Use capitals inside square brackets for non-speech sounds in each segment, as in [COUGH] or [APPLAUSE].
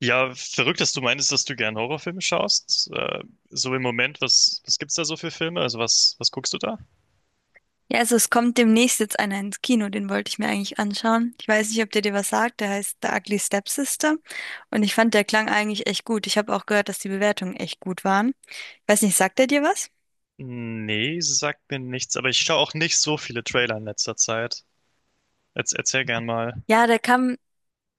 Ja, verrückt, dass du meinst, dass du gern Horrorfilme schaust. So im Moment, was gibt's da so für Filme? Also was guckst du da? Ja, also es kommt demnächst jetzt einer ins Kino, den wollte ich mir eigentlich anschauen. Ich weiß nicht, ob der dir was sagt, der heißt The Ugly Stepsister und ich fand, der klang eigentlich echt gut. Ich habe auch gehört, dass die Bewertungen echt gut waren. Ich weiß nicht, sagt der dir was? Nee, sagt mir nichts, aber ich schaue auch nicht so viele Trailer in letzter Zeit. Jetzt erzähl gern mal. Ja, der kam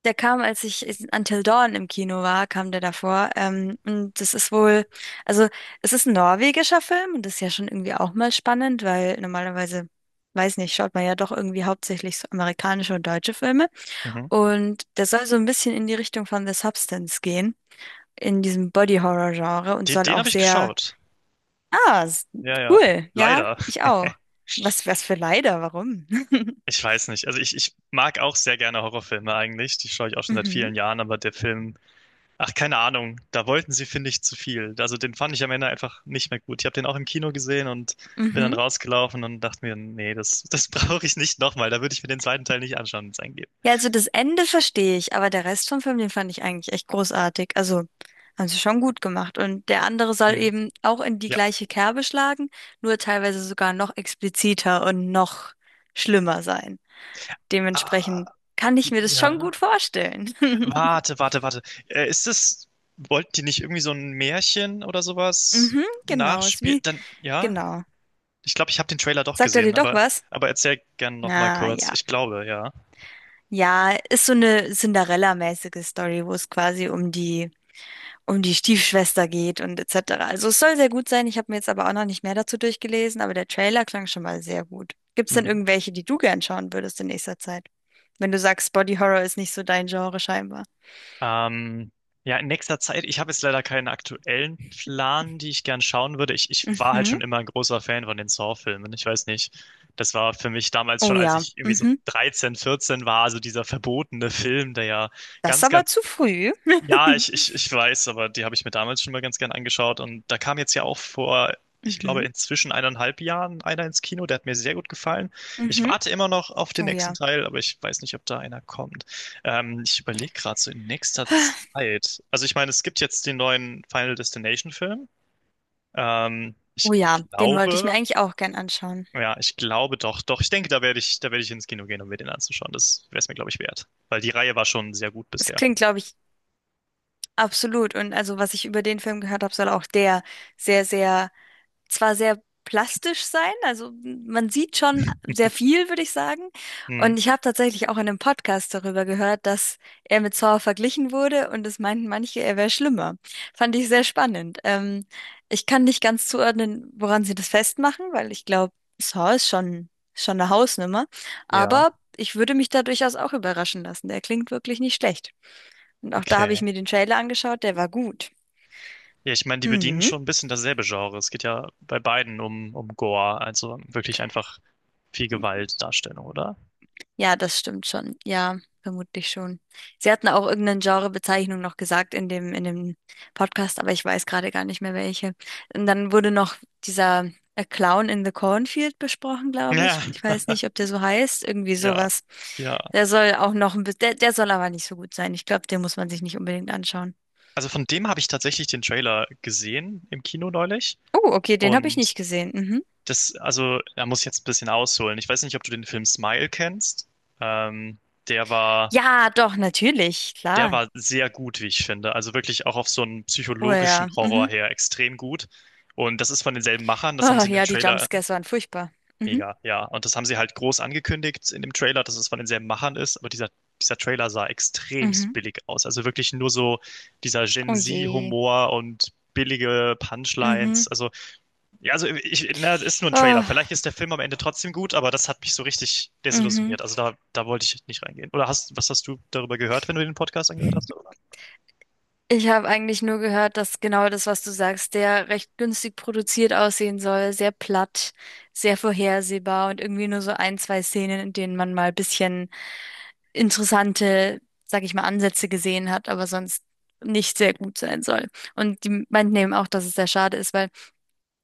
Der kam, als ich in Until Dawn im Kino war, kam der davor. Und das ist wohl, also es ist ein norwegischer Film und das ist ja schon irgendwie auch mal spannend, weil normalerweise, weiß nicht, schaut man ja doch irgendwie hauptsächlich so amerikanische und deutsche Filme. Mhm. Und der soll so ein bisschen in die Richtung von The Substance gehen, in diesem Body-Horror-Genre und Den, soll den auch habe ich sehr, geschaut. ah, s- Ja, ja. cool, ja, Leider. ich auch. Was, was für leider, warum? [LAUGHS] Ich weiß nicht. Also ich mag auch sehr gerne Horrorfilme eigentlich. Die schaue ich auch schon seit Mhm. vielen Jahren, aber der Film — ach, keine Ahnung. Da wollten sie, finde ich, zu viel. Also den fand ich am Ende einfach nicht mehr gut. Ich habe den auch im Kino gesehen und bin dann Mhm. rausgelaufen und dachte mir, nee, das, das [LAUGHS] brauche ich nicht nochmal. Da würde ich mir den zweiten Teil nicht anschauen, wenn es einen gibt. Ja, also das Ende verstehe ich, aber der Rest vom Film, den fand ich eigentlich echt großartig. Also haben sie schon gut gemacht. Und der andere soll Hm. eben auch in die Ja. gleiche Kerbe schlagen, nur teilweise sogar noch expliziter und noch schlimmer sein. Ah, Dementsprechend kann ich mir das schon ja. gut vorstellen. [LAUGHS] Warte, warte, warte. Äh, ist das, wollten die nicht irgendwie so ein Märchen oder sowas Mhm, genau, ist nachspielen? wie, Dann, ja? genau. Ich glaube, ich habe den Trailer doch Sagt er dir gesehen, doch aber, was? aber erzähl gern nochmal Ah, kurz. ja. Ich glaube, ja. Ja, ist so eine Cinderella-mäßige Story, wo es quasi um die Stiefschwester geht und etc. Also es soll sehr gut sein. Ich habe mir jetzt aber auch noch nicht mehr dazu durchgelesen, aber der Trailer klang schon mal sehr gut. Gibt es denn irgendwelche, die du gern schauen würdest in nächster Zeit? Wenn du sagst, Body Horror ist nicht so dein Genre scheinbar. Ähm, ja, in nächster Zeit, ich habe jetzt leider keinen aktuellen Plan, die ich gern schauen würde. Ich war halt Mhm. schon immer ein großer Fan von den Saw-Filmen. Ich weiß nicht. Das war für mich damals Oh schon, als ja. ich irgendwie so Mhm. 13, 14 war, also dieser verbotene Film, der ja Das ist ganz, aber ganz — zu früh. ja, ich, [LAUGHS] ich, ich weiß, aber die habe ich mir damals schon mal ganz gern angeschaut. Und da kam jetzt ja auch vor, ich glaube, Mhm. inzwischen eineinhalb Jahren einer ins Kino. Der hat mir sehr gut gefallen. Ich Mhm. warte immer noch auf den Oh nächsten ja. Teil, aber ich weiß nicht, ob da einer kommt. Ich überlege gerade so in nächster Zeit. Also ich meine, es gibt jetzt den neuen Final Destination Film. Oh Ich ja, den wollte ich mir glaube, eigentlich auch gern anschauen. ja, ich glaube doch, doch. Ich denke, da werde ich ins Kino gehen, um mir den anzuschauen. Das wäre es mir, glaube ich, wert. Weil die Reihe war schon sehr gut Es bisher. klingt, glaube ich, absolut. Und also, was ich über den Film gehört habe, soll auch der sehr, sehr zwar sehr plastisch sein, also man sieht schon sehr viel, würde ich sagen. Hm. Und ich habe tatsächlich auch in einem Podcast darüber gehört, dass er mit Saw verglichen wurde und es meinten manche, er wäre schlimmer. Fand ich sehr spannend. Ich kann nicht ganz zuordnen, woran sie das festmachen, weil ich glaube, Saw ist schon eine Hausnummer. Ja, Aber ich würde mich da durchaus auch überraschen lassen. Der klingt wirklich nicht schlecht. Und auch da habe ich okay. mir den Trailer angeschaut, der war gut. Ja, ich meine, die bedienen Mhm. schon ein bisschen dasselbe Genre. Es geht ja bei beiden um Gore, also wirklich einfach viel Gewaltdarstellung, oder? Ja, das stimmt schon. Ja, vermutlich schon. Sie hatten auch irgendeine Genrebezeichnung noch gesagt in dem Podcast, aber ich weiß gerade gar nicht mehr welche. Und dann wurde noch dieser A Clown in the Cornfield besprochen, glaube Ja, ich. Ich weiß nicht, ob der so heißt, irgendwie ja, sowas. ja. Der soll auch noch ein bisschen, der soll aber nicht so gut sein. Ich glaube, den muss man sich nicht unbedingt anschauen. Also von dem habe ich tatsächlich den Trailer gesehen im Kino neulich. Oh, okay, den habe ich Und nicht gesehen. Mhm. das, also, da muss ich jetzt ein bisschen ausholen. Ich weiß nicht, ob du den Film Smile kennst. Ähm, der war, Ja, doch, natürlich, der klar. war sehr gut, wie ich finde. Also wirklich auch auf so einen Oh psychologischen ja, Horror mhm. her extrem gut. Und das ist von denselben Machern. Das haben Oh, sie in dem ja, die Trailer — Jumpscares waren furchtbar. Mhm. mega, ja. Und das haben sie halt groß angekündigt in dem Trailer, dass es von denselben Machern ist. Aber dieser Trailer sah extremst Mhm. billig aus. Also wirklich nur so dieser Gen Oh je. Z-Humor und billige Punchlines. Mhm. Also, ja, also ich, na, es ist nur ein Trailer. Ah, Vielleicht ist der Film am Ende trotzdem gut, aber das hat mich so richtig mhm. desillusioniert. Also da wollte ich nicht reingehen. Was hast du darüber gehört, wenn du den Podcast angehört hast, oder? Ich habe eigentlich nur gehört, dass genau das, was du sagst, der recht günstig produziert aussehen soll, sehr platt, sehr vorhersehbar und irgendwie nur so ein, zwei Szenen, in denen man mal ein bisschen interessante, sag ich mal, Ansätze gesehen hat, aber sonst nicht sehr gut sein soll. Und die meinten eben auch, dass es sehr schade ist, weil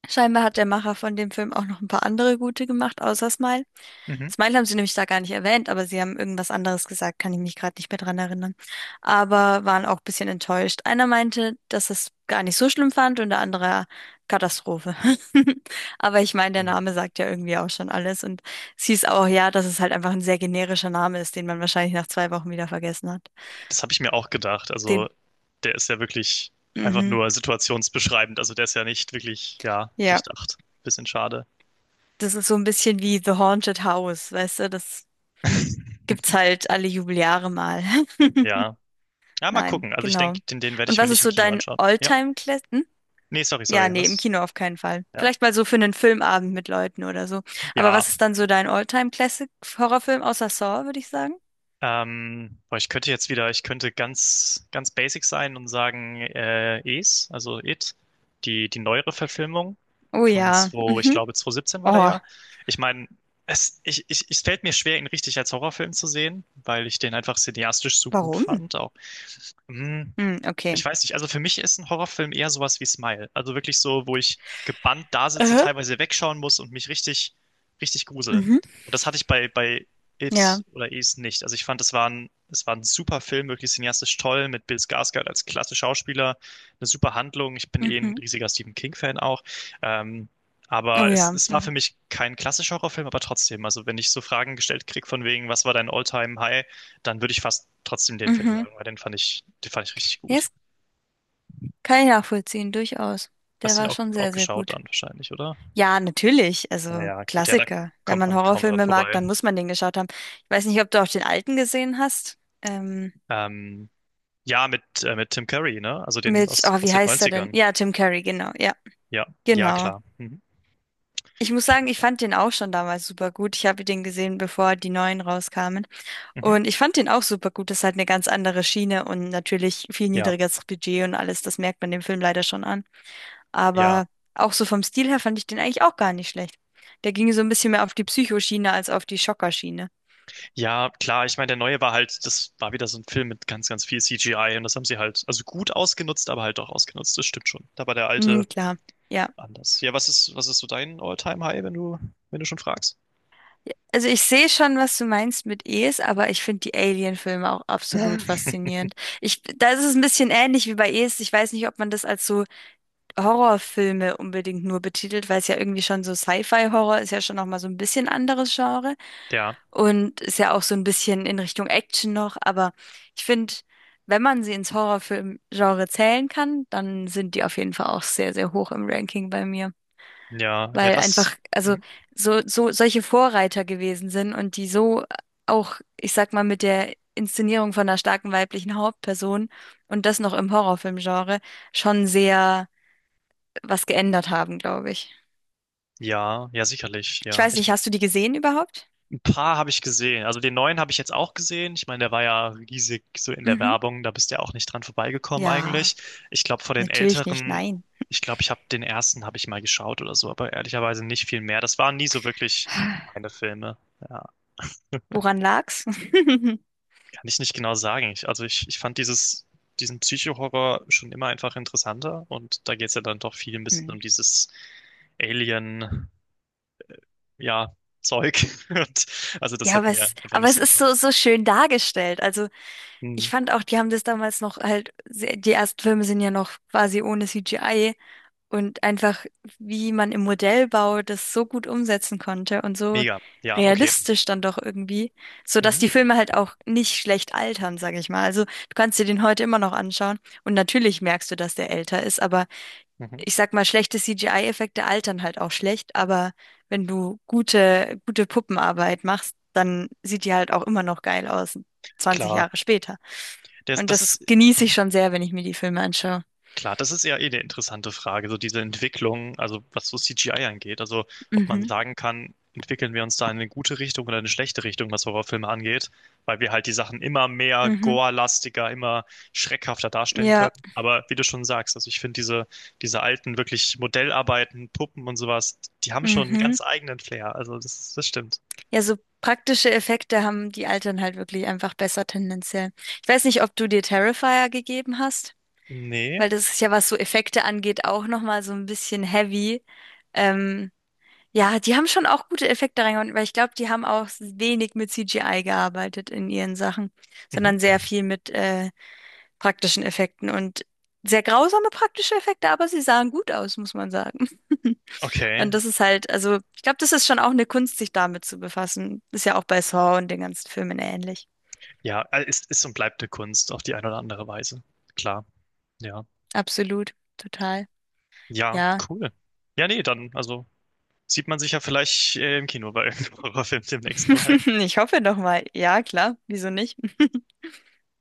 scheinbar hat der Macher von dem Film auch noch ein paar andere gute gemacht, außer Smile. Mhm. Smile haben sie nämlich da gar nicht erwähnt, aber sie haben irgendwas anderes gesagt, kann ich mich gerade nicht mehr dran erinnern. Aber waren auch ein bisschen enttäuscht. Einer meinte, dass es gar nicht so schlimm fand und der andere Katastrophe. [LAUGHS] Aber ich meine, der Name sagt ja irgendwie auch schon alles und es hieß auch ja, dass es halt einfach ein sehr generischer Name ist, den man wahrscheinlich nach 2 Wochen wieder vergessen hat. Das habe ich mir auch gedacht. Den, Also, der ist ja wirklich einfach mhm, nur situationsbeschreibend. Also, der ist ja nicht wirklich, ja, ja, durchdacht. Bisschen schade. das ist so ein bisschen wie The Haunted House, weißt du, das gibt's halt alle Jubeljahre mal. [LAUGHS] Ja. Ja, mal Nein, gucken. Also, ich genau. denke, den werde Und ich mir was nicht ist im so Kino dein anschauen. Ja. All-Time-Classic? Hm? Nee, sorry, Ja, sorry. nee, im Was? Kino auf keinen Fall. Ja. Vielleicht mal so für einen Filmabend mit Leuten oder so. Aber Ja. was ist dann so dein All-Time-Classic-Horrorfilm außer Saw, würde ich sagen? Boah, ich könnte ganz, ganz basic sein und sagen, Es, also It, die neuere Verfilmung Oh von ja. 2, ich Mhm. glaube 2017 war der Oh, ja. Ich meine, es fällt mir schwer, ihn richtig als Horrorfilm zu sehen, weil ich den einfach cineastisch so gut warum? fand. Auch. Hm, Hm, ich okay. weiß nicht, also für mich ist ein Horrorfilm eher sowas wie Smile. Also wirklich so, wo ich gebannt da sitze, Äh? teilweise wegschauen muss und mich richtig, richtig grusel. Mhm. Und das hatte ich bei Ja. It oder Is nicht. Also ich fand, es war ein super Film, wirklich cineastisch toll, mit Bill Skarsgård als klasse Schauspieler, eine super Handlung. Ich bin eh ein Mhm. riesiger Stephen King-Fan auch. Ähm, Oh aber es, ja. es war für Mhm. mich kein klassischer Horrorfilm, aber trotzdem. Also wenn ich so Fragen gestellt krieg von wegen, was war dein All-Time-High, dann würde ich fast trotzdem den Film Mhm. sagen, weil den fand ich richtig gut. Yes, kann ich nachvollziehen, durchaus. Der Hast du ihn war auch, schon auch sehr, sehr geschaut gut. dann wahrscheinlich, oder? Ja, natürlich. Also Naja, gut, ja, da Klassiker. Wenn kommt man man kaum dran Horrorfilme mag, vorbei. dann muss man den geschaut haben. Ich weiß nicht, ob du auch den alten gesehen hast. Ähm, ja, mit Tim Curry, ne? Also den aus, Oh, aus wie den heißt er denn? 90ern. Ja, Tim Curry, genau. Ja, Ja, ja, genau. klar. Mhm. Ich muss sagen, ich fand den auch schon damals super gut. Ich habe den gesehen, bevor die neuen rauskamen. Mhm. Und ich fand den auch super gut. Das ist halt eine ganz andere Schiene und natürlich viel Ja, niedrigeres Budget und alles. Das merkt man dem Film leider schon an. ja, Aber auch so vom Stil her fand ich den eigentlich auch gar nicht schlecht. Der ging so ein bisschen mehr auf die Psychoschiene als auf die Schockerschiene. ja, klar. Ich meine, der neue war halt, das war wieder so ein Film mit ganz, ganz viel CGI und das haben sie halt, also gut ausgenutzt, aber halt auch ausgenutzt. Das stimmt schon. Da war der Hm, alte klar, ja. anders. Ja, was ist so dein All-Time-High, wenn du schon fragst? Also ich sehe schon, was du meinst mit Es, aber ich finde die Alien-Filme auch absolut [LAUGHS] faszinierend. Da ist es ein bisschen ähnlich wie bei Es. Ich weiß nicht, ob man das als so Horrorfilme unbedingt nur betitelt, weil es ja irgendwie schon so Sci-Fi-Horror ist ja schon noch mal so ein bisschen anderes Genre Ja, und ist ja auch so ein bisschen in Richtung Action noch. Aber ich finde, wenn man sie ins Horrorfilm-Genre zählen kann, dann sind die auf jeden Fall auch sehr, sehr hoch im Ranking bei mir. ja, ja, Weil das, einfach, also mhm, so, so solche Vorreiter gewesen sind und die so auch, ich sag mal, mit der Inszenierung von einer starken weiblichen Hauptperson und das noch im Horrorfilmgenre schon sehr was geändert haben, glaube ich. ja, ja, sicherlich, Ich ja. weiß Ich — nicht, hast du die gesehen überhaupt? ein paar habe ich gesehen. Also den neuen habe ich jetzt auch gesehen. Ich meine, der war ja riesig so in der Mhm. Werbung. Da bist du ja auch nicht dran vorbeigekommen Ja, eigentlich. Ich glaube, von den natürlich nicht, älteren, nein. ich glaube, ich habe den ersten habe ich mal geschaut oder so, aber ehrlicherweise nicht viel mehr. Das waren nie so wirklich [SIGHS] meine Filme. Ja, Woran lag's? [LAUGHS] kann ich nicht genau sagen. Also ich fand diesen Psycho-Horror schon immer einfach interessanter und da geht es ja dann doch viel ein bisschen um Hm. dieses Alien, ja, Zeug. [LAUGHS] Und, also das Ja, hat aber mir es, einfach aber nicht es so ist so, getaugt. so schön dargestellt. Also Hm. ich fand auch, die haben das damals noch halt, die ersten Filme sind ja noch quasi ohne CGI. Und einfach, wie man im Modellbau das so gut umsetzen konnte und so Mega. Ja, okay. realistisch dann doch irgendwie, so dass Mhm. die Filme halt auch nicht schlecht altern, sage ich mal. Also du kannst dir den heute immer noch anschauen und natürlich merkst du, dass der älter ist, aber Mhm. ich sag mal, schlechte CGI-Effekte altern halt auch schlecht, aber wenn du gute, gute Puppenarbeit machst, dann sieht die halt auch immer noch geil aus, 20 Klar, Jahre später. das, Und das das ist genieße ich mhm. schon sehr, wenn ich mir die Filme anschaue. klar, das ist ja eh eine interessante Frage, so diese Entwicklung, also was so CGI angeht, also ob man Mhm, sagen kann, entwickeln wir uns da in eine gute Richtung oder eine schlechte Richtung, was Horrorfilme angeht, weil wir halt die Sachen immer mehr mhm, gore-lastiger, immer schreckhafter darstellen können. ja, Aber wie du schon sagst, also ich finde diese alten wirklich Modellarbeiten, Puppen und sowas, die haben schon einen mhm. ganz eigenen Flair. Also das stimmt. Ja, so praktische Effekte haben die Altern halt wirklich einfach besser tendenziell. Ich weiß nicht, ob du dir Terrifier gegeben hast, Nee. weil das ist ja, was so Effekte angeht, auch nochmal so ein bisschen heavy. Ähm, ja, die haben schon auch gute Effekte reingehauen, weil ich glaube, die haben auch wenig mit CGI gearbeitet in ihren Sachen, Mhm. sondern sehr viel mit praktischen Effekten und sehr grausame praktische Effekte, aber sie sahen gut aus, muss man sagen. [LAUGHS] Okay. Und das ist halt, also ich glaube, das ist schon auch eine Kunst, sich damit zu befassen. Ist ja auch bei Saw und den ganzen Filmen ähnlich. Ja, ist und bleibt eine Kunst auf die eine oder andere Weise. Klar, ja. Absolut, total. Ja, Ja, cool. Ja, nee, dann, also sieht man sich ja vielleicht im Kino bei irgendeinem [LAUGHS] Horrorfilm demnächst mal. [LAUGHS] ich hoffe doch mal. Ja, klar, wieso nicht? [LAUGHS]